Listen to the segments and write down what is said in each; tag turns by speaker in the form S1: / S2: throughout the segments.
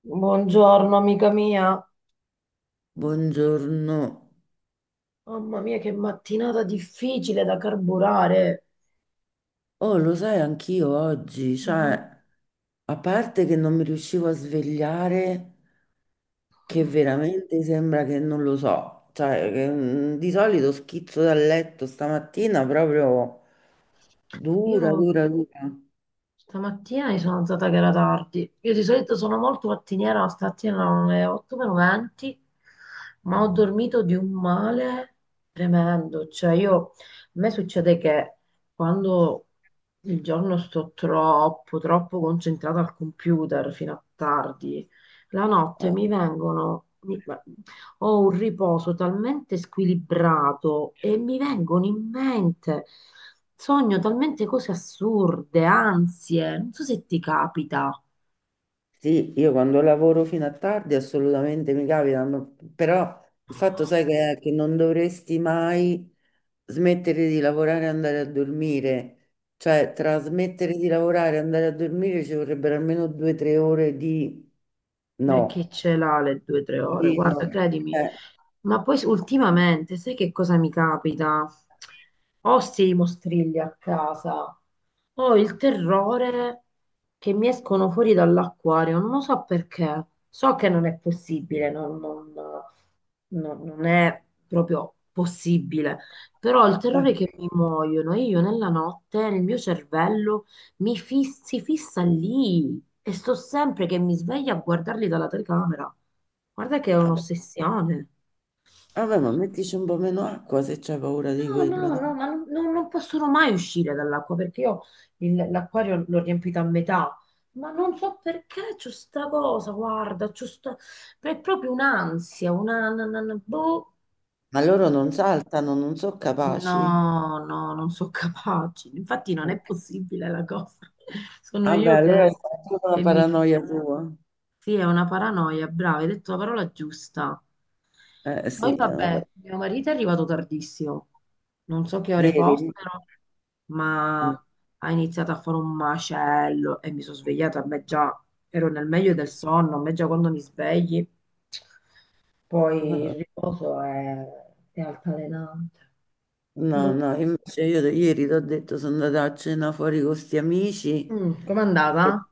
S1: Buongiorno amica mia,
S2: Buongiorno.
S1: mamma mia che mattinata difficile da carburare.
S2: Oh, lo sai, anch'io oggi,
S1: Ma-
S2: cioè, a parte che non mi riuscivo a svegliare, che veramente sembra che non lo so, cioè, che, di solito schizzo dal letto stamattina proprio dura,
S1: Io
S2: dura, dura.
S1: stamattina mi sono alzata che era tardi. Io di solito sono molto mattiniera, ma stamattina erano le 8 meno 20, ma ho dormito di un male tremendo. Cioè io, a me succede che quando il giorno sto troppo concentrata al computer fino a tardi, la notte ho un riposo talmente squilibrato e mi vengono in mente, sogno talmente cose assurde, ansie. Non so se ti capita.
S2: Sì, io quando lavoro fino a tardi assolutamente mi capita, però il fatto sai che, è che non dovresti mai smettere di lavorare e andare a dormire, cioè tra smettere di lavorare e andare a dormire ci vorrebbero almeno 2 o 3 ore di
S1: E chi
S2: no,
S1: ce l'ha le due o tre ore?
S2: capito?
S1: Guarda, credimi.
S2: Eh,
S1: Ma poi ultimamente, sai che cosa mi capita? Ho sti mostrilli a casa. Ho il terrore che mi escono fuori dall'acquario, non lo so perché. So che non è possibile, non è proprio possibile, però ho il
S2: eh,
S1: terrore che mi muoiono e io nella notte, nel mio cervello, si fissa lì e sto sempre che mi sveglio a guardarli dalla telecamera. Guarda che è
S2: vabbè,
S1: un'ossessione.
S2: vabbè, ma mettici un po' meno acqua se c'hai paura di
S1: No, no,
S2: quello,
S1: no,
S2: no?
S1: ma non possono mai uscire dall'acqua perché io l'acquario l'ho riempito a metà, ma non so perché c'ho sta cosa, guarda, c'ho sta... è proprio un'ansia, boh.
S2: Ma loro non saltano, non sono capaci.
S1: No, no, non sono capace, infatti non è possibile la cosa, sono
S2: Vabbè,
S1: io
S2: allora è
S1: che,
S2: tutta una
S1: che mi fido.
S2: paranoia tua.
S1: Sì, è una paranoia, brava, hai detto la parola giusta.
S2: Eh
S1: Poi
S2: sì, è una
S1: vabbè,
S2: par-
S1: mio marito è arrivato tardissimo, non so che ore
S2: Ieri.
S1: fossero, ma
S2: Mm.
S1: ha iniziato a fare un macello e mi sono svegliata, a me già ero nel meglio del sonno, a me già quando mi svegli, poi il riposo è altalenante.
S2: No,
S1: Boh.
S2: no, invece io ieri ti ho detto, sono andata a cena fuori con sti amici.
S1: Mm, com'è
S2: Sì.
S1: andata?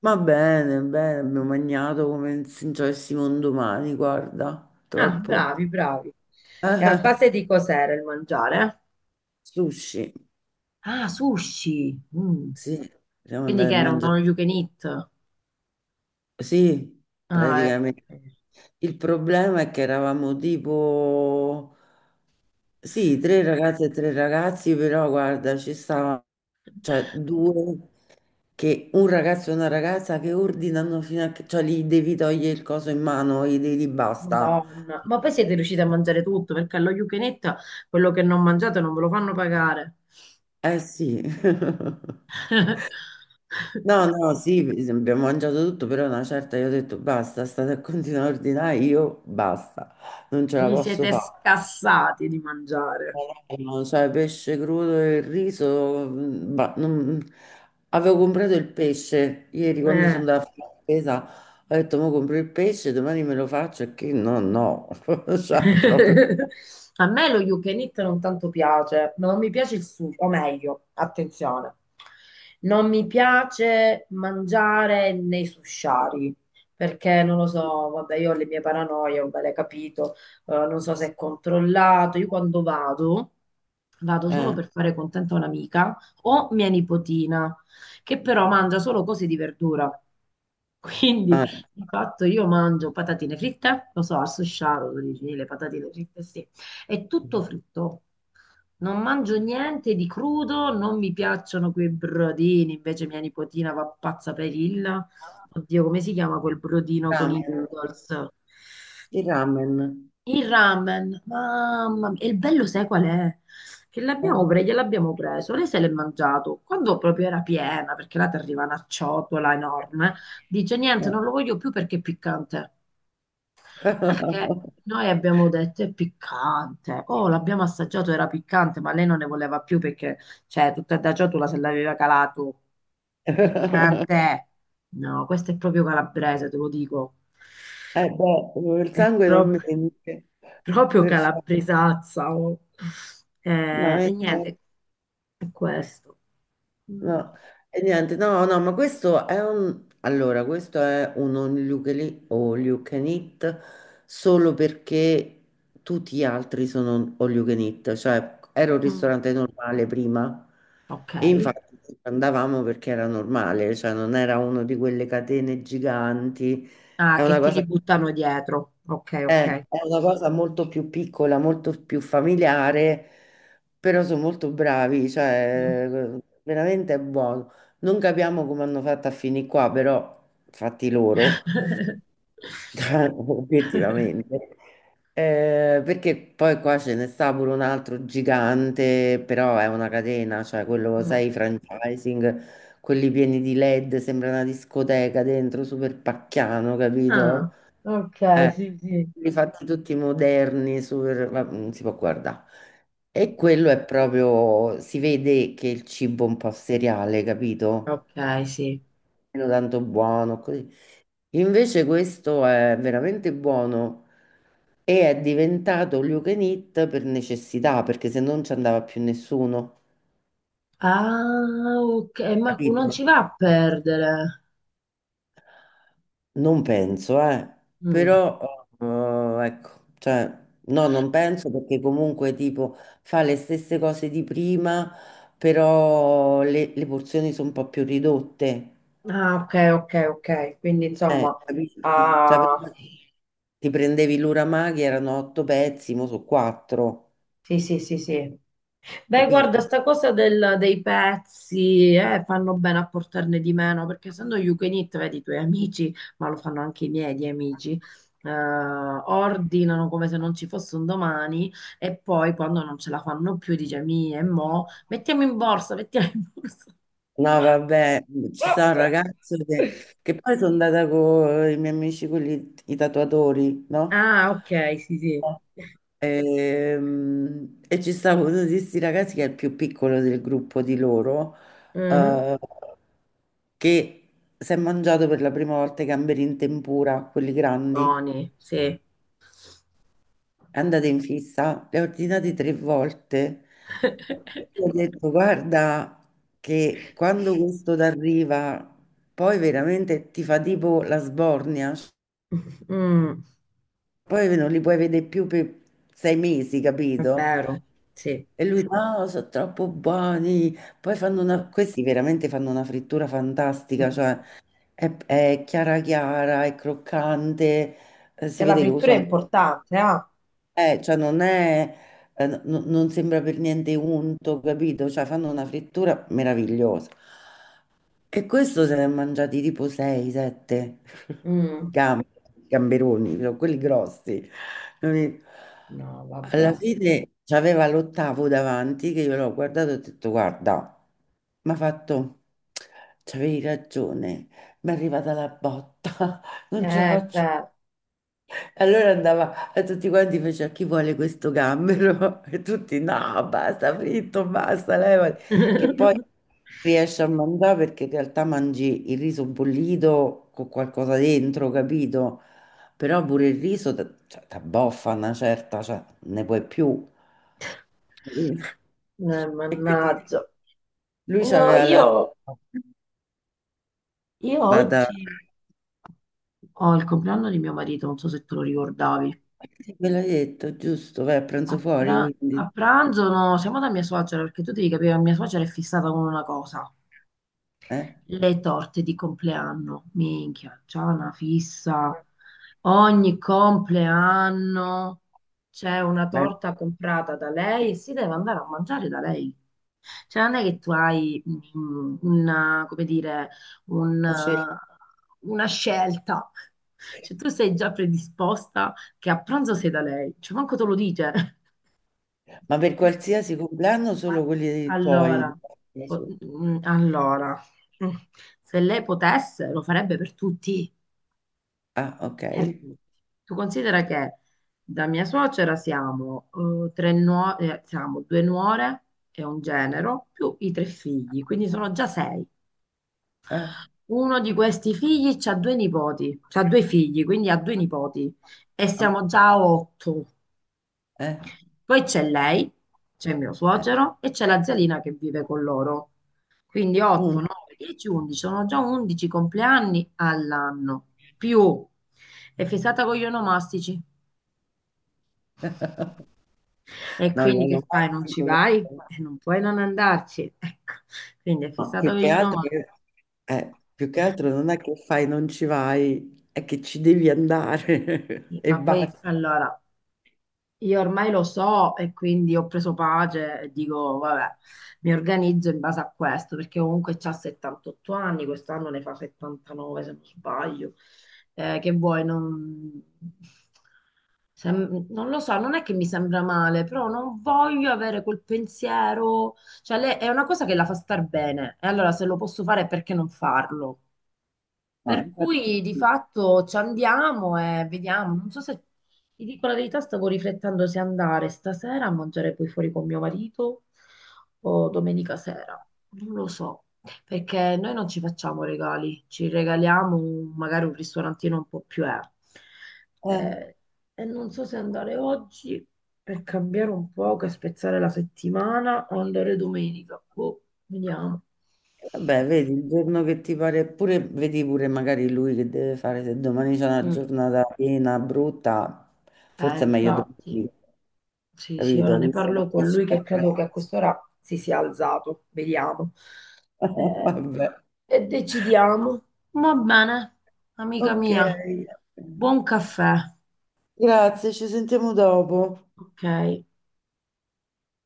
S2: Va bene, bene, abbiamo mangiato come se non ci avessimo un domani, guarda,
S1: Ah,
S2: troppo.
S1: bravi, bravi. E a base di cos'era il mangiare?
S2: Sushi,
S1: Ah, sushi. Mm.
S2: sì, siamo
S1: Quindi
S2: andati a
S1: che era un
S2: mangiare.
S1: all you can eat?
S2: Sì,
S1: Ah, ecco.
S2: praticamente. Il problema è che eravamo tipo, sì, tre ragazze e tre ragazzi, però guarda, ci stavano, cioè due, che un ragazzo e una ragazza che ordinano fino a che, cioè gli devi togliere il coso in mano, gli devi dire basta.
S1: Madonna. Ma poi siete riusciti a mangiare tutto, perché allo you can eat quello che non mangiate non ve lo fanno pagare.
S2: Eh sì. No, no, sì, sì, abbiamo mangiato tutto, però una certa io ho detto basta, state a continuare a ordinare, io basta, non ce la
S1: Vi
S2: posso
S1: siete
S2: fare.
S1: scassati di mangiare.
S2: No, sai, pesce crudo e il riso, bah, avevo comprato il pesce ieri quando sono
S1: Eh.
S2: andata a fare la spesa, ho detto, mo compro il pesce, domani me lo faccio, e che no, no, cioè, proprio,
S1: A me lo you can eat non tanto piace, ma non mi piace il sushi, o meglio, attenzione, non mi piace mangiare nei sushari, perché non lo so, vabbè, io ho le mie paranoie, ho le capito, non so se è controllato, io quando vado, vado solo
S2: eh,
S1: per fare contenta un'amica o mia nipotina, che però mangia solo cose di verdura. Quindi
S2: eh.
S1: di fatto io mangio patatine fritte, lo so, al susciaro, tu dici, le patatine fritte, sì, è tutto fritto. Non mangio niente di crudo, non mi piacciono quei brodini, invece mia nipotina va pazza per il, oddio, come si chiama quel brodino con i
S2: Ramen,
S1: noodles?
S2: il ramen,
S1: Il ramen, mamma mia, e il bello sai qual è? Che l'abbiamo preso,
S2: eh,
S1: gliel'abbiamo preso, lei se l'è mangiato, quando proprio era piena, perché là ti arriva una ciotola enorme, dice niente,
S2: eh.
S1: non lo voglio più perché è piccante. Ah, perché noi abbiamo detto è piccante, oh l'abbiamo assaggiato, era piccante, ma lei non ne voleva più perché, cioè, tutta da ciotola se l'aveva calato. Piccante! No, questo è proprio calabrese, te lo dico.
S2: Beh, il
S1: È
S2: sangue non
S1: proprio,
S2: mente,
S1: proprio
S2: perfetto,
S1: calabresazza. Oh.
S2: no,
S1: E
S2: sì.
S1: niente, è questo. Mm,
S2: No, e niente, no, no, ma questo è un... Allora, questo è un all you can eat, all you can eat solo perché tutti gli altri sono all you can eat, cioè era un
S1: mm,
S2: ristorante normale prima
S1: ok.
S2: e infatti ci andavamo perché era normale, cioè non era uno di quelle catene giganti,
S1: Ah,
S2: è
S1: che
S2: una
S1: te li
S2: cosa...
S1: buttano dietro. Ok, ok.
S2: È una cosa molto più piccola, molto più familiare, però sono molto bravi,
S1: Mm.
S2: cioè veramente è buono. Non capiamo come hanno fatto a finire qua, però fatti loro, obiettivamente. Perché poi qua ce ne sta pure un altro gigante, però è una catena, cioè quello,
S1: Mm.
S2: sai, i franchising, quelli pieni di LED, sembra una discoteca dentro, super pacchiano,
S1: Ah,
S2: capito?
S1: ok,
S2: eh,
S1: sì, sì.
S2: li fatti tutti moderni, super, non si può guardare. E quello è proprio, si vede che il cibo è un po' seriale, capito?
S1: Ok, sì.
S2: Meno tanto buono, così. Invece questo è veramente buono e è diventato all you can eat per necessità, perché se non ci andava più nessuno,
S1: Ah, ok, ma non
S2: capito?
S1: ci va a perdere.
S2: Non penso,
S1: Mm.
S2: però ecco, cioè, no, non penso perché comunque tipo fa le stesse cose di prima, però le porzioni sono un po' più ridotte.
S1: Ah, ok, ok, ok. Quindi insomma,
S2: Capisci? Cioè, prima
S1: ah,
S2: ti prendevi l'uramaki, erano otto pezzi, mo sono quattro,
S1: sì, sì, sì, sì. Beh, guarda,
S2: capito?
S1: sta cosa dei pezzi, fanno bene a portarne di meno, perché essendo you can eat, vedi i tuoi amici, ma lo fanno anche i miei di amici, ordinano come se non ci fosse un domani e poi quando non ce la fanno più dice, mi e mo, mettiamo in borsa, mettiamo in borsa.
S2: No, vabbè, ci sono ragazze che poi sono andata con i miei amici, quelli, i tatuatori, no?
S1: Ah, ok, sì, sì.
S2: E, ci stava uno di questi ragazzi che è il più piccolo del gruppo di loro,
S1: Mhm.
S2: eh, che si è mangiato per la prima volta i gamberi in tempura, quelli grandi,
S1: Buoni, sì.
S2: è andato in fissa, li ha ordinati tre volte. Gli ho detto, guarda che quando questo t'arriva, poi veramente ti fa tipo la sbornia,
S1: Mm,
S2: poi non li puoi vedere più per 6 mesi,
S1: è
S2: capito?
S1: vero, sì.
S2: E lui, no, sono troppo buoni. Poi questi veramente fanno una frittura fantastica,
S1: Mm.
S2: cioè è chiara chiara, è croccante,
S1: Che
S2: si
S1: la
S2: vede che
S1: frittura è
S2: usano
S1: importante, ah.
S2: cioè non è, non sembra per niente unto, capito? Cioè fanno una frittura meravigliosa. E questo se ne è mangiati tipo 6, 7
S1: Mm,
S2: gamberoni, però quelli grossi. Capito?
S1: no,
S2: Alla
S1: vabbè.
S2: fine c'aveva l'ottavo davanti che io l'ho guardato e ho detto guarda, mi ha fatto, c'avevi ragione, mi è arrivata la botta, non ce la
S1: Eh
S2: faccio,
S1: beh,
S2: allora andava a tutti quanti, faceva chi vuole questo gambero? E tutti no, basta, fritto, basta, levati. Che poi riesci a mangiare perché in realtà mangi il riso bollito con qualcosa dentro, capito? Però pure il riso ti abboffa una certa, cioè ne puoi più.
S1: eh,
S2: E quindi
S1: mannaggia.
S2: lui
S1: No,
S2: c'aveva la...
S1: io
S2: Da, da...
S1: oggi ho il compleanno di mio marito, non so se te lo ricordavi.
S2: Ve l'ho detto, giusto, vai a pranzo fuori,
S1: A
S2: quindi...
S1: pranzo no, siamo da mia suocera, perché tu devi capire, mia suocera è fissata con una cosa.
S2: Eh?
S1: Le torte di compleanno, minchia, c'è una fissa. Ogni compleanno c'è una
S2: Ma, ma
S1: torta comprata da lei e si deve andare a mangiare da lei. Cioè, non è che tu hai una, come dire, un,
S2: c'è-
S1: eh, una scelta. Cioè, tu sei già predisposta che a pranzo sei da lei. Cioè, manco te lo dice.
S2: ma per qualsiasi compleanno
S1: Ma-
S2: solo quelli dei tuoi?
S1: Allora,
S2: Della
S1: po-
S2: sua?
S1: mm, allora, mm, se lei potesse lo farebbe per tutti,
S2: Ah, ok.
S1: per tutti. Tu considera che da mia suocera siamo, siamo due nuore e un genero, più i tre figli, quindi sono già sei.
S2: Ah,
S1: Uno di questi figli ha due nipoti, ha due figli, quindi ha due nipoti e
S2: ok.
S1: siamo già a otto.
S2: eh,
S1: Poi c'è lei, c'è mio
S2: eh.
S1: suocero e c'è la zialina che vive con loro. Quindi 8,
S2: Mm.
S1: 9, 10, 11, sono già 11 compleanni all'anno, più è fissata con gli onomastici. E
S2: No,
S1: quindi che fai? Non ci
S2: l'onomastico no.
S1: vai? E non puoi non andarci. Ecco, quindi è
S2: No,
S1: fissata
S2: più
S1: con
S2: che
S1: gli
S2: altro,
S1: onomastici.
S2: più che altro non è che fai, non ci vai, è che ci devi andare e
S1: Ma poi,
S2: basta.
S1: allora, io ormai lo so e quindi ho preso pace e dico, vabbè, mi organizzo in base a questo, perché comunque c'ha 78 anni, quest'anno ne fa 79 se non sbaglio. Che vuoi, non... non lo so, non è che mi sembra male, però non voglio avere quel pensiero, è una cosa che la fa star bene, e allora se lo posso fare perché non farlo?
S2: No,
S1: Per
S2: infatti
S1: cui di
S2: sì.
S1: fatto ci andiamo e vediamo. Non so se ti dico la verità, stavo riflettendo se andare stasera a mangiare poi fuori con mio marito o domenica sera. Non lo so, perché noi non ci facciamo regali, ci regaliamo magari un ristorantino un po' più
S2: Eh.
S1: Eh, e non so se andare oggi per cambiare un po', che spezzare la settimana o andare domenica. Boh, vediamo.
S2: Vabbè, vedi, il giorno che ti pare, pure, vedi pure magari lui che deve fare, se domani c'è una
S1: Mm.
S2: giornata piena, brutta, forse è meglio
S1: Infatti.
S2: domani,
S1: Sì, sì, ora
S2: capito?
S1: ne
S2: Visto
S1: parlo
S2: che
S1: con
S2: esci
S1: lui che
S2: da casa.
S1: credo che a quest'ora si sia alzato, vediamo. Eh,
S2: Vabbè,
S1: e decidiamo. Va bene, amica
S2: ok.
S1: mia, buon caffè.
S2: Grazie, ci sentiamo dopo.
S1: Ok.